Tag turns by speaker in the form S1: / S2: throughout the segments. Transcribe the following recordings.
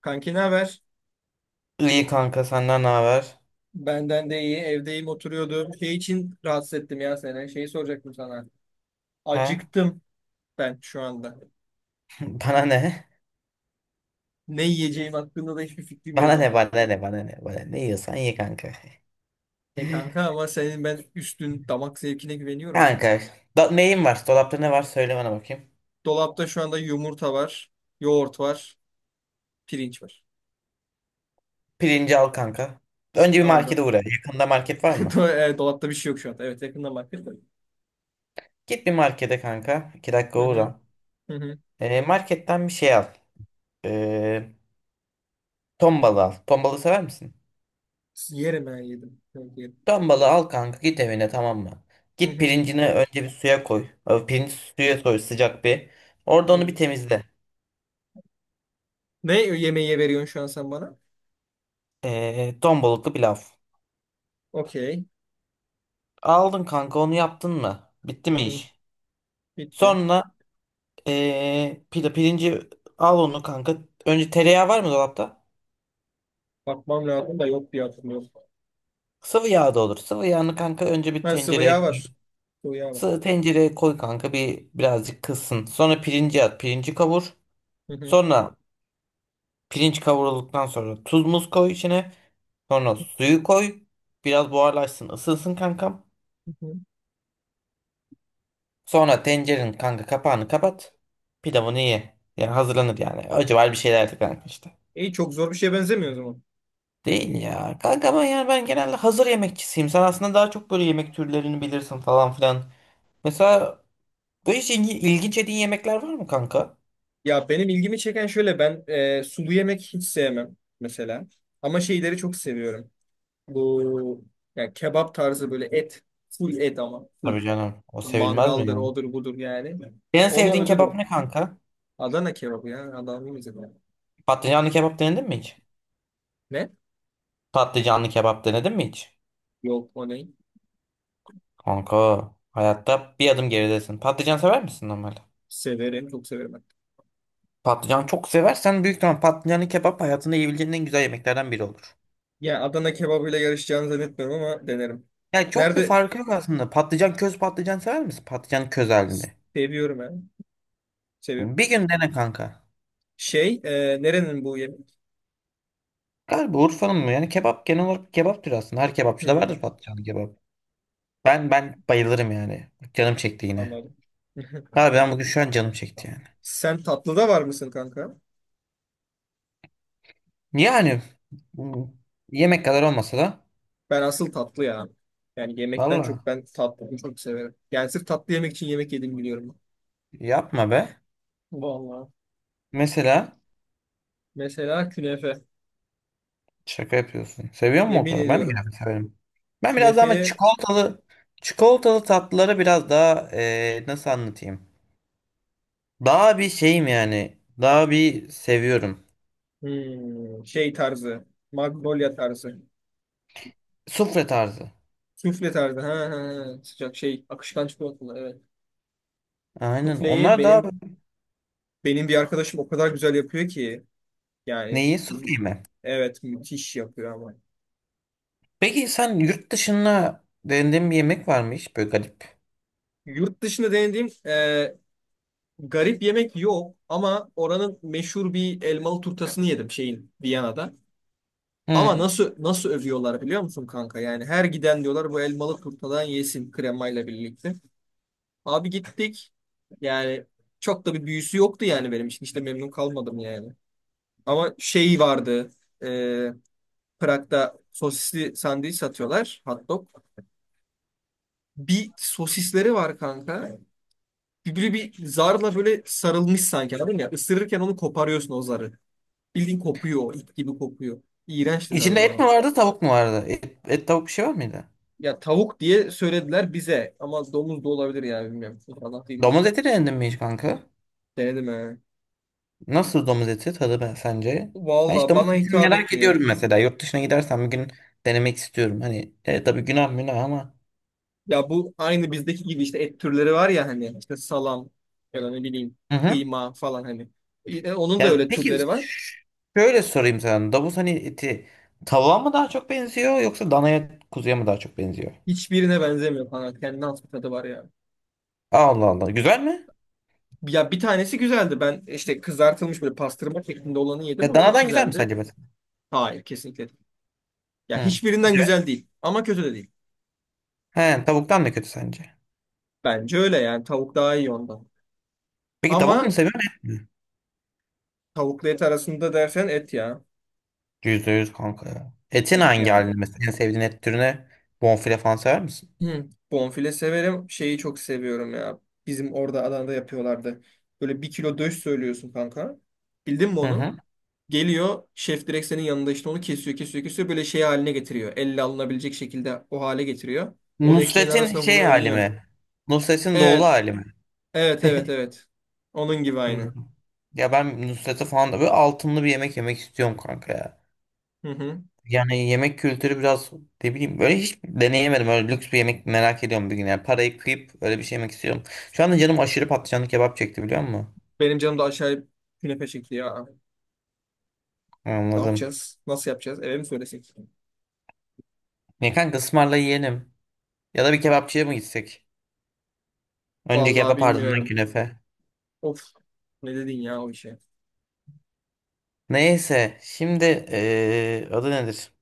S1: Kanki ne haber?
S2: İyi kanka senden ne haber?
S1: Benden de iyi. Evdeyim oturuyordum. Şey için rahatsız ettim ya seni. Şeyi soracaktım sana.
S2: Ha?
S1: Acıktım ben şu anda.
S2: Bana ne?
S1: Ne yiyeceğim hakkında da hiçbir fikrim
S2: Bana
S1: yok
S2: ne
S1: ama.
S2: bana ne bana ne bana ne yiyorsan ye kanka.
S1: E kanka ama senin ben üstün damak zevkine güveniyorum.
S2: Kanka da, neyin var? Dolapta ne var? Söyle bana bakayım.
S1: Dolapta şu anda yumurta var, yoğurt var, pirinç var.
S2: Pirinci al kanka. Önce bir markete
S1: Aldım.
S2: uğra. Yakında market var mı?
S1: Do- Dolapta bir şey yok şu anda. Evet yakından baktım. Da.
S2: Git bir markete kanka. 2 dakika
S1: Hı hı,
S2: uğra.
S1: hı hı.
S2: Marketten bir şey al. Ee, Ton balığı al. Ton balığı sever misin?
S1: Yerim ben yedim. Evet, yerim.
S2: Ton balığı al kanka, git evine, tamam mı?
S1: Hı
S2: Git
S1: hı.
S2: pirincini önce bir suya koy. Pirinci suya koy sıcak bir. Orada onu bir
S1: Hı.
S2: temizle.
S1: Ne yemeği veriyorsun şu an sen bana?
S2: Ton balıklı pilav.
S1: Okey.
S2: Aldın kanka onu, yaptın mı? Bitti
S1: Hı
S2: mi
S1: hı.
S2: iş?
S1: Bitti.
S2: Sonra pirinci al onu kanka. Önce tereyağı var mı dolapta?
S1: Bakmam lazım da yok diye hatırlıyorum.
S2: Sıvı yağ da olur. Sıvı yağını kanka önce bir
S1: Ha sıvı
S2: tencereye
S1: yağ
S2: koy.
S1: var. Sıvı yağ var.
S2: Sıvı tencereye koy kanka, bir birazcık kızsın. Sonra pirinci at. Pirinci kavur.
S1: Hı hı,
S2: Sonra pirinç kavrulduktan sonra tuz muz koy içine. Sonra suyu koy. Biraz buharlaşsın, ısınsın kankam.
S1: hı hı.
S2: Sonra tencerenin kanka kapağını kapat. Pilavını ye. Yani hazırlanır yani. Acı var bir şeyler de kanka işte.
S1: İyi, çok zor bir şeye benzemiyor o zaman.
S2: Değil ya. Kanka ama yani ben genelde hazır yemekçisiyim. Sen aslında daha çok böyle yemek türlerini bilirsin falan filan. Mesela böyle hiç ilginç yediğin yemekler var mı kanka?
S1: Ya benim ilgimi çeken şöyle, ben sulu yemek hiç sevmem mesela. Ama şeyleri çok seviyorum. Bu, yani kebap tarzı, böyle et. Full et, ama full.
S2: Tabii canım. O sevilmez mi
S1: Mangaldır,
S2: yani?
S1: odur budur yani.
S2: En
S1: Ona
S2: sevdiğin kebap
S1: ölürüm.
S2: ne kanka?
S1: Adana kebabı ya. Adana bize...
S2: Patlıcanlı kebap denedin mi hiç?
S1: Ne?
S2: Patlıcanlı kebap denedin mi hiç?
S1: Yok, o ne?
S2: Kanka hayatta bir adım geridesin. Patlıcan sever misin normalde?
S1: Severim, çok severim ben.
S2: Patlıcan çok seversen büyük ihtimal patlıcanlı kebap hayatında yiyebileceğin en güzel yemeklerden biri olur.
S1: Ya Adana kebabıyla yarışacağını zannetmiyorum ama denerim.
S2: Yani çok bir
S1: Nerede...
S2: farkı yok aslında. Patlıcan köz, patlıcan sever misin? Patlıcan köz halinde.
S1: Seviyorum ben. Seviyorum.
S2: Bir gün dene kanka.
S1: Nerenin bu yemek?
S2: Galiba Urfa'nın mı? Yani kebap genel olarak kebaptır aslında. Her kebapçıda vardır
S1: Hmm,
S2: patlıcanlı kebap. Ben bayılırım yani. Canım çekti yine.
S1: anladım.
S2: Abi ben bugün şu an canım çekti yani.
S1: Sen tatlıda var mısın kanka?
S2: Yani bu yemek kadar olmasa da,
S1: Ben asıl tatlı ya. Yani yemekten
S2: valla
S1: çok ben tatlıyı çok severim. Yani sırf tatlı yemek için yemek yedim, biliyorum.
S2: yapma be.
S1: Vallahi.
S2: Mesela
S1: Mesela künefe.
S2: şaka yapıyorsun. Seviyor musun o
S1: Yemin
S2: kadar? Ben de
S1: ediyorum.
S2: yine severim. Ben biraz daha ama
S1: Künefe,
S2: çikolatalı tatlıları biraz daha nasıl anlatayım? Daha bir şeyim yani. Daha bir seviyorum.
S1: hmm, şey tarzı. Magnolia tarzı.
S2: Sufle tarzı.
S1: Sufle tarzı. Ha, ha, ha. Sıcak şey. Akışkan çikolatalı. Evet.
S2: Aynen.
S1: Sufleyi
S2: Onlar daha
S1: benim... Benim bir arkadaşım o kadar güzel yapıyor ki. Yani
S2: neyi? Sufle mi?
S1: evet, müthiş yapıyor ama.
S2: Peki sen yurt dışında denediğin bir yemek var mı hiç böyle garip?
S1: Yurt dışında denediğim garip yemek yok ama oranın meşhur bir elmalı turtasını yedim, şeyin, Viyana'da. Ama
S2: Hı.
S1: nasıl nasıl övüyorlar biliyor musun kanka? Yani her giden diyorlar bu elmalı turtadan yesin, kremayla birlikte. Abi gittik. Yani çok da bir büyüsü yoktu yani benim için. Hiç de memnun kalmadım yani. Ama şey vardı. E, Prag'da sosisli sandviç satıyorlar. Hot dog. Bir sosisleri var kanka. Böyle bir zarla böyle sarılmış, sanki, anladın ya. Isırırken onu koparıyorsun, o zarı. Bildiğin kopuyor, o ip gibi kopuyor. İğrençti tadı
S2: İçinde et
S1: o.
S2: mi vardı, tavuk mu vardı? Et, et, tavuk bir şey var mıydı?
S1: Ya tavuk diye söylediler bize ama domuz da olabilir yani, bilmiyorum. İnşallah değildir.
S2: Domuz eti denedin mi hiç kanka?
S1: Denedim he.
S2: Nasıl domuz eti tadı ben sence? Ben hiç
S1: Valla
S2: domuz
S1: bana
S2: etini
S1: hitap
S2: merak
S1: etmiyor.
S2: ediyorum mesela. Yurt dışına gidersem bir gün denemek istiyorum. Hani tabii günah münah ama.
S1: Ya bu aynı bizdeki gibi işte, et türleri var ya, hani işte salam ya da ne bileyim
S2: Hı hı.
S1: kıyma falan hani. Onun da
S2: Ya
S1: öyle
S2: peki ş-
S1: türleri var.
S2: Şöyle sorayım sana. Domuz hani eti, tavuğa mı daha çok benziyor yoksa danaya, kuzuya mı daha çok benziyor?
S1: Hiçbirine benzemiyor falan. Kendine has bir tadı var ya.
S2: Allah Allah. Güzel mi?
S1: Ya bir tanesi güzeldi. Ben işte kızartılmış böyle pastırma şeklinde olanı yedim.
S2: Ya
S1: O çok
S2: danadan güzel mi
S1: güzeldi.
S2: sence mesela?
S1: Hayır, kesinlikle değil. Ya
S2: Hı.
S1: hiçbirinden
S2: Güzel.
S1: güzel değil. Ama kötü de değil.
S2: He, tavuktan da kötü sence.
S1: Bence öyle yani. Tavuk daha iyi ondan.
S2: Peki tavuk mu
S1: Ama
S2: seviyorsun?
S1: tavukla et arasında dersen, et ya.
S2: %100 kanka ya. Etin
S1: Et
S2: hangi
S1: yani.
S2: halini mesela? En sevdiğin et türüne bonfile falan sever misin?
S1: Hı. Bonfile severim. Şeyi çok seviyorum ya. Bizim orada Adana'da yapıyorlardı. Böyle bir kilo döş söylüyorsun kanka. Bildin mi
S2: Hı
S1: onu?
S2: hı.
S1: Geliyor şef direkt senin yanında, işte onu kesiyor kesiyor kesiyor, böyle şey haline getiriyor. Elle alınabilecek şekilde o hale getiriyor. Onu ekmeğin
S2: Nusret'in
S1: arasına
S2: şey
S1: vuruyorsun,
S2: hali
S1: yiyorsun.
S2: mi? Nusret'in doğulu
S1: Evet,
S2: hali mi?
S1: evet evet evet. Onun gibi, aynı.
S2: Anladım. Ya ben Nusret'e falan da böyle altınlı bir yemek yemek istiyorum kanka ya.
S1: Hı hı.
S2: Yani yemek kültürü biraz, ne bileyim, böyle hiç deneyemedim. Öyle lüks bir yemek merak ediyorum bir gün. Yani parayı kıyıp öyle bir şey yemek istiyorum. Şu anda canım aşırı patlıcanlı kebap çekti biliyor musun?
S1: Benim canım da aşağıya künefe çekti ya. Ne
S2: Anladım.
S1: yapacağız? Nasıl yapacağız? Eve mi söylesek?
S2: Ne kanka, ısmarla yiyelim. Ya da bir kebapçıya mı gitsek? Önce
S1: Vallahi
S2: kebap, ardından
S1: bilmiyorum.
S2: künefe.
S1: Of, ne dedin ya o işe.
S2: Neyse şimdi adı nedir?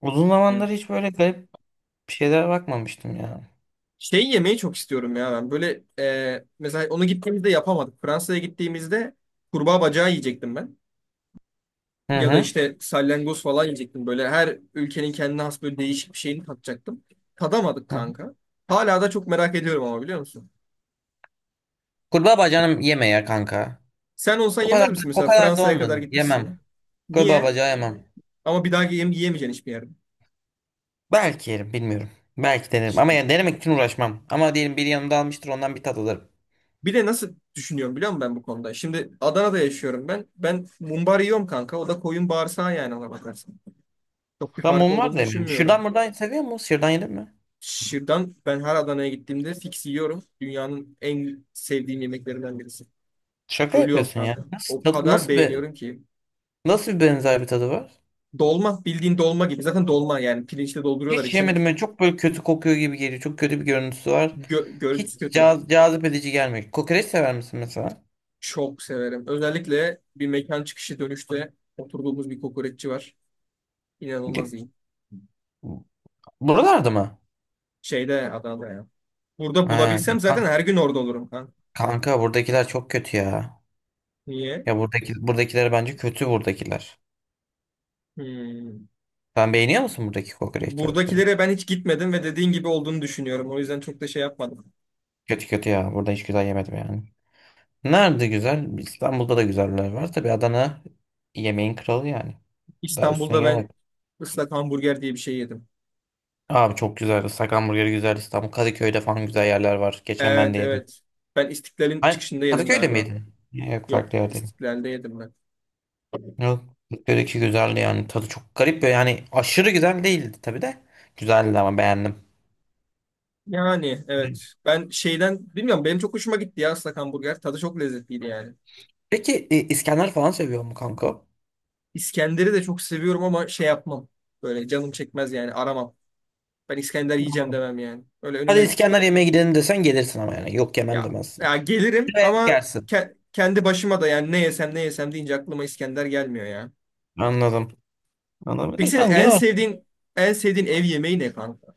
S2: Uzun
S1: Hı.
S2: zamandır hiç böyle garip bir şeylere bakmamıştım ya.
S1: Şey yemeyi çok istiyorum ya ben. Böyle mesela, onu gittiğimizde yapamadık. Fransa'ya gittiğimizde kurbağa bacağı yiyecektim ben.
S2: Hı
S1: Ya da
S2: hı.
S1: işte salyangoz falan yiyecektim. Böyle her ülkenin kendine has böyle değişik bir şeyini tatacaktım. Tadamadık
S2: Hı hı.
S1: kanka. Hala da çok merak ediyorum ama, biliyor musun?
S2: Kurbağa bacağını yeme ya kanka.
S1: Sen olsan
S2: O kadar
S1: yemez
S2: da,
S1: misin
S2: o
S1: mesela,
S2: kadar da
S1: Fransa'ya kadar
S2: olmadı. Yemem.
S1: gitmişsin.
S2: Kurbağa
S1: Niye?
S2: bacağı yemem.
S1: Ama bir daha yem yiyemeyeceksin hiçbir yerde.
S2: Belki yerim bilmiyorum. Belki denerim. Ama yani denemek için uğraşmam. Ama diyelim biri yanımda almıştır, ondan bir tat alırım.
S1: Bir de nasıl düşünüyorum biliyor musun ben bu konuda? Şimdi Adana'da yaşıyorum ben. Ben mumbar yiyorum kanka. O da koyun bağırsağı yani, ona bakarsan. Çok bir
S2: Ben
S1: fark
S2: mum var
S1: olduğunu
S2: da yemiyorum. Şuradan
S1: düşünmüyorum.
S2: buradan seviyor musun? Şuradan yedin mi?
S1: Şırdan, ben her Adana'ya gittiğimde fix yiyorum. Dünyanın en sevdiğim yemeklerinden birisi.
S2: Şaka
S1: Ölüyorum
S2: yapıyorsun ya.
S1: kanka. O kadar
S2: Nasıl bir,
S1: beğeniyorum ki.
S2: nasıl bir benzer bir tadı var?
S1: Dolma, bildiğin dolma gibi. Zaten dolma yani, pirinçle dolduruyorlar
S2: Hiç
S1: içini.
S2: yemedim. Böyle çok böyle kötü kokuyor gibi geliyor. Çok kötü bir görüntüsü var. Hiç
S1: Görüntüsü kötü.
S2: cazip edici gelmiyor. Kokoreç sever misin mesela?
S1: Çok severim. Özellikle bir mekan çıkışı dönüşte oturduğumuz bir kokoreççi var. İnanılmaz iyi.
S2: Buralarda mı?
S1: Şeyde, Adana'da ya. Burada
S2: Ha,
S1: bulabilsem zaten her gün orada olurum kanka.
S2: kanka buradakiler çok kötü ya.
S1: Niye?
S2: Buradakiler bence kötü, buradakiler.
S1: Hmm.
S2: Sen beğeniyor musun buradaki kokoreçleri?
S1: Buradakilere ben hiç gitmedim ve dediğin gibi olduğunu düşünüyorum. O yüzden çok da şey yapmadım.
S2: Kötü kötü ya. Burada hiç güzel yemedim yani. Nerede güzel? İstanbul'da da güzeller var. Tabii Adana yemeğin kralı yani. Daha üstüne
S1: İstanbul'da ben
S2: gelemedim.
S1: ıslak hamburger diye bir şey yedim.
S2: Abi çok güzeldi. Islak hamburgeri güzel. İstanbul Kadıköy'de falan güzel yerler var. Geçen ben
S1: Evet,
S2: de yedim.
S1: evet. Ben İstiklal'in
S2: Ay,
S1: çıkışında yedim
S2: Kadıköy'de
S1: galiba.
S2: miydin? Yok,
S1: Yok,
S2: farklı yerdeyim.
S1: İstiklal'de yedim ben.
S2: Yok. Kadıköy'deki güzeldi yani. Tadı çok garip böyle. Yani aşırı güzel değildi tabii de. Güzeldi ama beğendim.
S1: Yani evet, ben şeyden bilmiyorum, benim çok hoşuma gitti ya ıslak hamburger. Tadı çok lezzetliydi yani.
S2: Peki İskender falan seviyor mu kanka?
S1: İskender'i de çok seviyorum ama şey yapmam. Böyle canım çekmez yani, aramam. Ben İskender yiyeceğim demem yani. Öyle
S2: Hadi
S1: önüme...
S2: İskender yemeğe gidelim desen gelirsin ama yani. Yok yemem
S1: ya,
S2: demezsin.
S1: ya gelirim
S2: Severek
S1: ama
S2: yersin.
S1: kendi başıma da yani, ne yesem ne yesem deyince aklıma İskender gelmiyor ya.
S2: Anladım. Anladım.
S1: Peki senin
S2: Kanka
S1: en
S2: genel olarak-
S1: sevdiğin en sevdiğin ev yemeği ne kanka?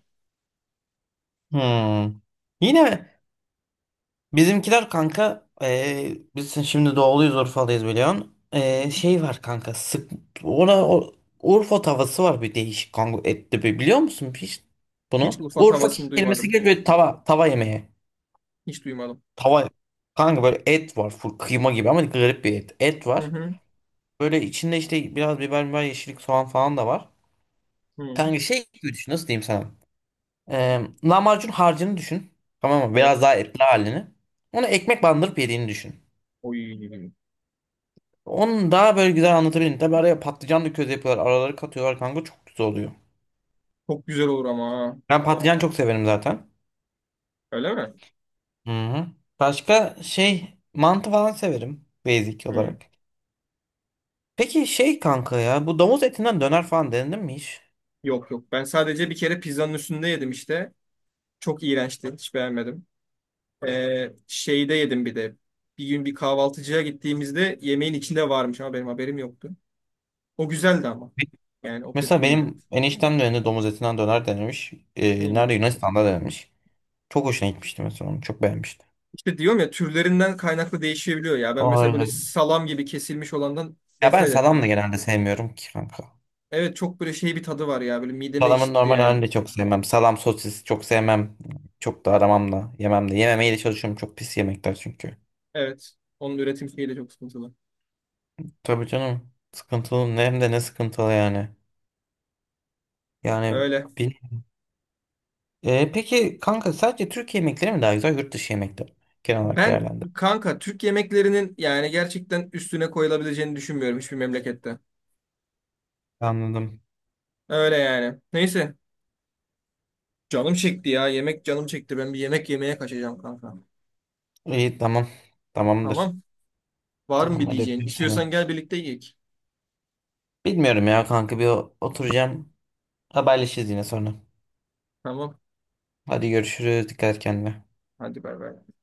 S2: Hmm. Yine bizimkiler kanka, biz şimdi doğuluyuz, Urfalıyız biliyorsun.
S1: Hı
S2: E,
S1: hı.
S2: şey var kanka sık, ona o, Urfa tavası var bir değişik kanka, etli bir, biliyor musun hiç
S1: Hiç
S2: bunu?
S1: Urfa
S2: Urfa
S1: tavasını
S2: kelimesi
S1: duymadım.
S2: geliyor, böyle tava, tava yemeği.
S1: Hiç duymadım.
S2: Tava. Kanka böyle et var, full kıyma gibi ama garip bir et. Et
S1: Hı
S2: var.
S1: hı.
S2: Böyle içinde işte biraz biber, yeşillik, soğan falan da var.
S1: Hı.
S2: Kanka şey gibi düşün. Nasıl diyeyim sana? Lahmacun harcını düşün. Tamam mı?
S1: Evet.
S2: Biraz daha etli halini. Onu ekmek bandırıp yediğini düşün.
S1: Oy.
S2: Onu daha böyle güzel anlatabilirim. Tabii araya patlıcan da köz yapıyorlar. Araları katıyorlar kanka. Çok güzel oluyor.
S1: Çok güzel olur ama ha.
S2: Ben patlıcan çok severim zaten.
S1: Öyle mi?
S2: Hı hı. Başka şey, mantı falan severim. Basic
S1: Hı.
S2: olarak. Peki şey kanka ya. Bu domuz etinden döner falan denedin mi hiç?
S1: Yok yok. Ben sadece bir kere pizzanın üstünde yedim işte. Çok iğrençti. Hiç beğenmedim. Şeyde yedim bir de. Bir gün bir kahvaltıcıya gittiğimizde yemeğin içinde varmış ama benim haberim yoktu. O güzeldi ama. Yani o kötü
S2: Mesela
S1: değildi.
S2: benim eniştem de önünde domuz etinden döner denemiş.
S1: Hı.
S2: Nerede, Yunanistan'da denemiş. Çok hoşuna gitmişti mesela onu. Çok beğenmişti.
S1: İşte diyorum ya, türlerinden kaynaklı değişebiliyor ya. Ben
S2: O
S1: mesela böyle
S2: öyle.
S1: salam gibi kesilmiş olandan
S2: Ya ben
S1: nefret
S2: salam
S1: ettim.
S2: da genelde sevmiyorum ki kanka.
S1: Evet, çok böyle şey bir tadı var ya. Böyle mideme
S2: Salamın
S1: ekşitti
S2: normal halini
S1: yani.
S2: de çok sevmem. Salam sosis çok sevmem. Çok da aramam da yemem de. Yememeye de çalışıyorum. Çok pis yemekler çünkü.
S1: Evet. Onun üretim şeyi de çok sıkıntılı.
S2: Tabii canım. Sıkıntılı. Ne hem de ne sıkıntılı yani. Yani
S1: Öyle.
S2: bil. Peki kanka, sadece Türkiye yemekleri mi daha güzel, yurt dışı yemekleri mi? Genel olarak
S1: Ben
S2: değerlendir.
S1: kanka Türk yemeklerinin yani gerçekten üstüne koyulabileceğini düşünmüyorum hiçbir memlekette.
S2: Anladım.
S1: Öyle yani. Neyse. Canım çekti ya. Yemek canım çekti. Ben bir yemek yemeye kaçacağım kanka.
S2: İyi, tamam. Tamamdır.
S1: Tamam. Var mı
S2: Tamam,
S1: bir
S2: hadi
S1: diyeceğin?
S2: öpüyorum seni.
S1: İstiyorsan gel, birlikte yiyek.
S2: Bilmiyorum ya kanka, bir oturacağım. Haberleşiriz yine sonra.
S1: Tamam.
S2: Hadi görüşürüz. Dikkat et kendine.
S1: Hadi bay bay.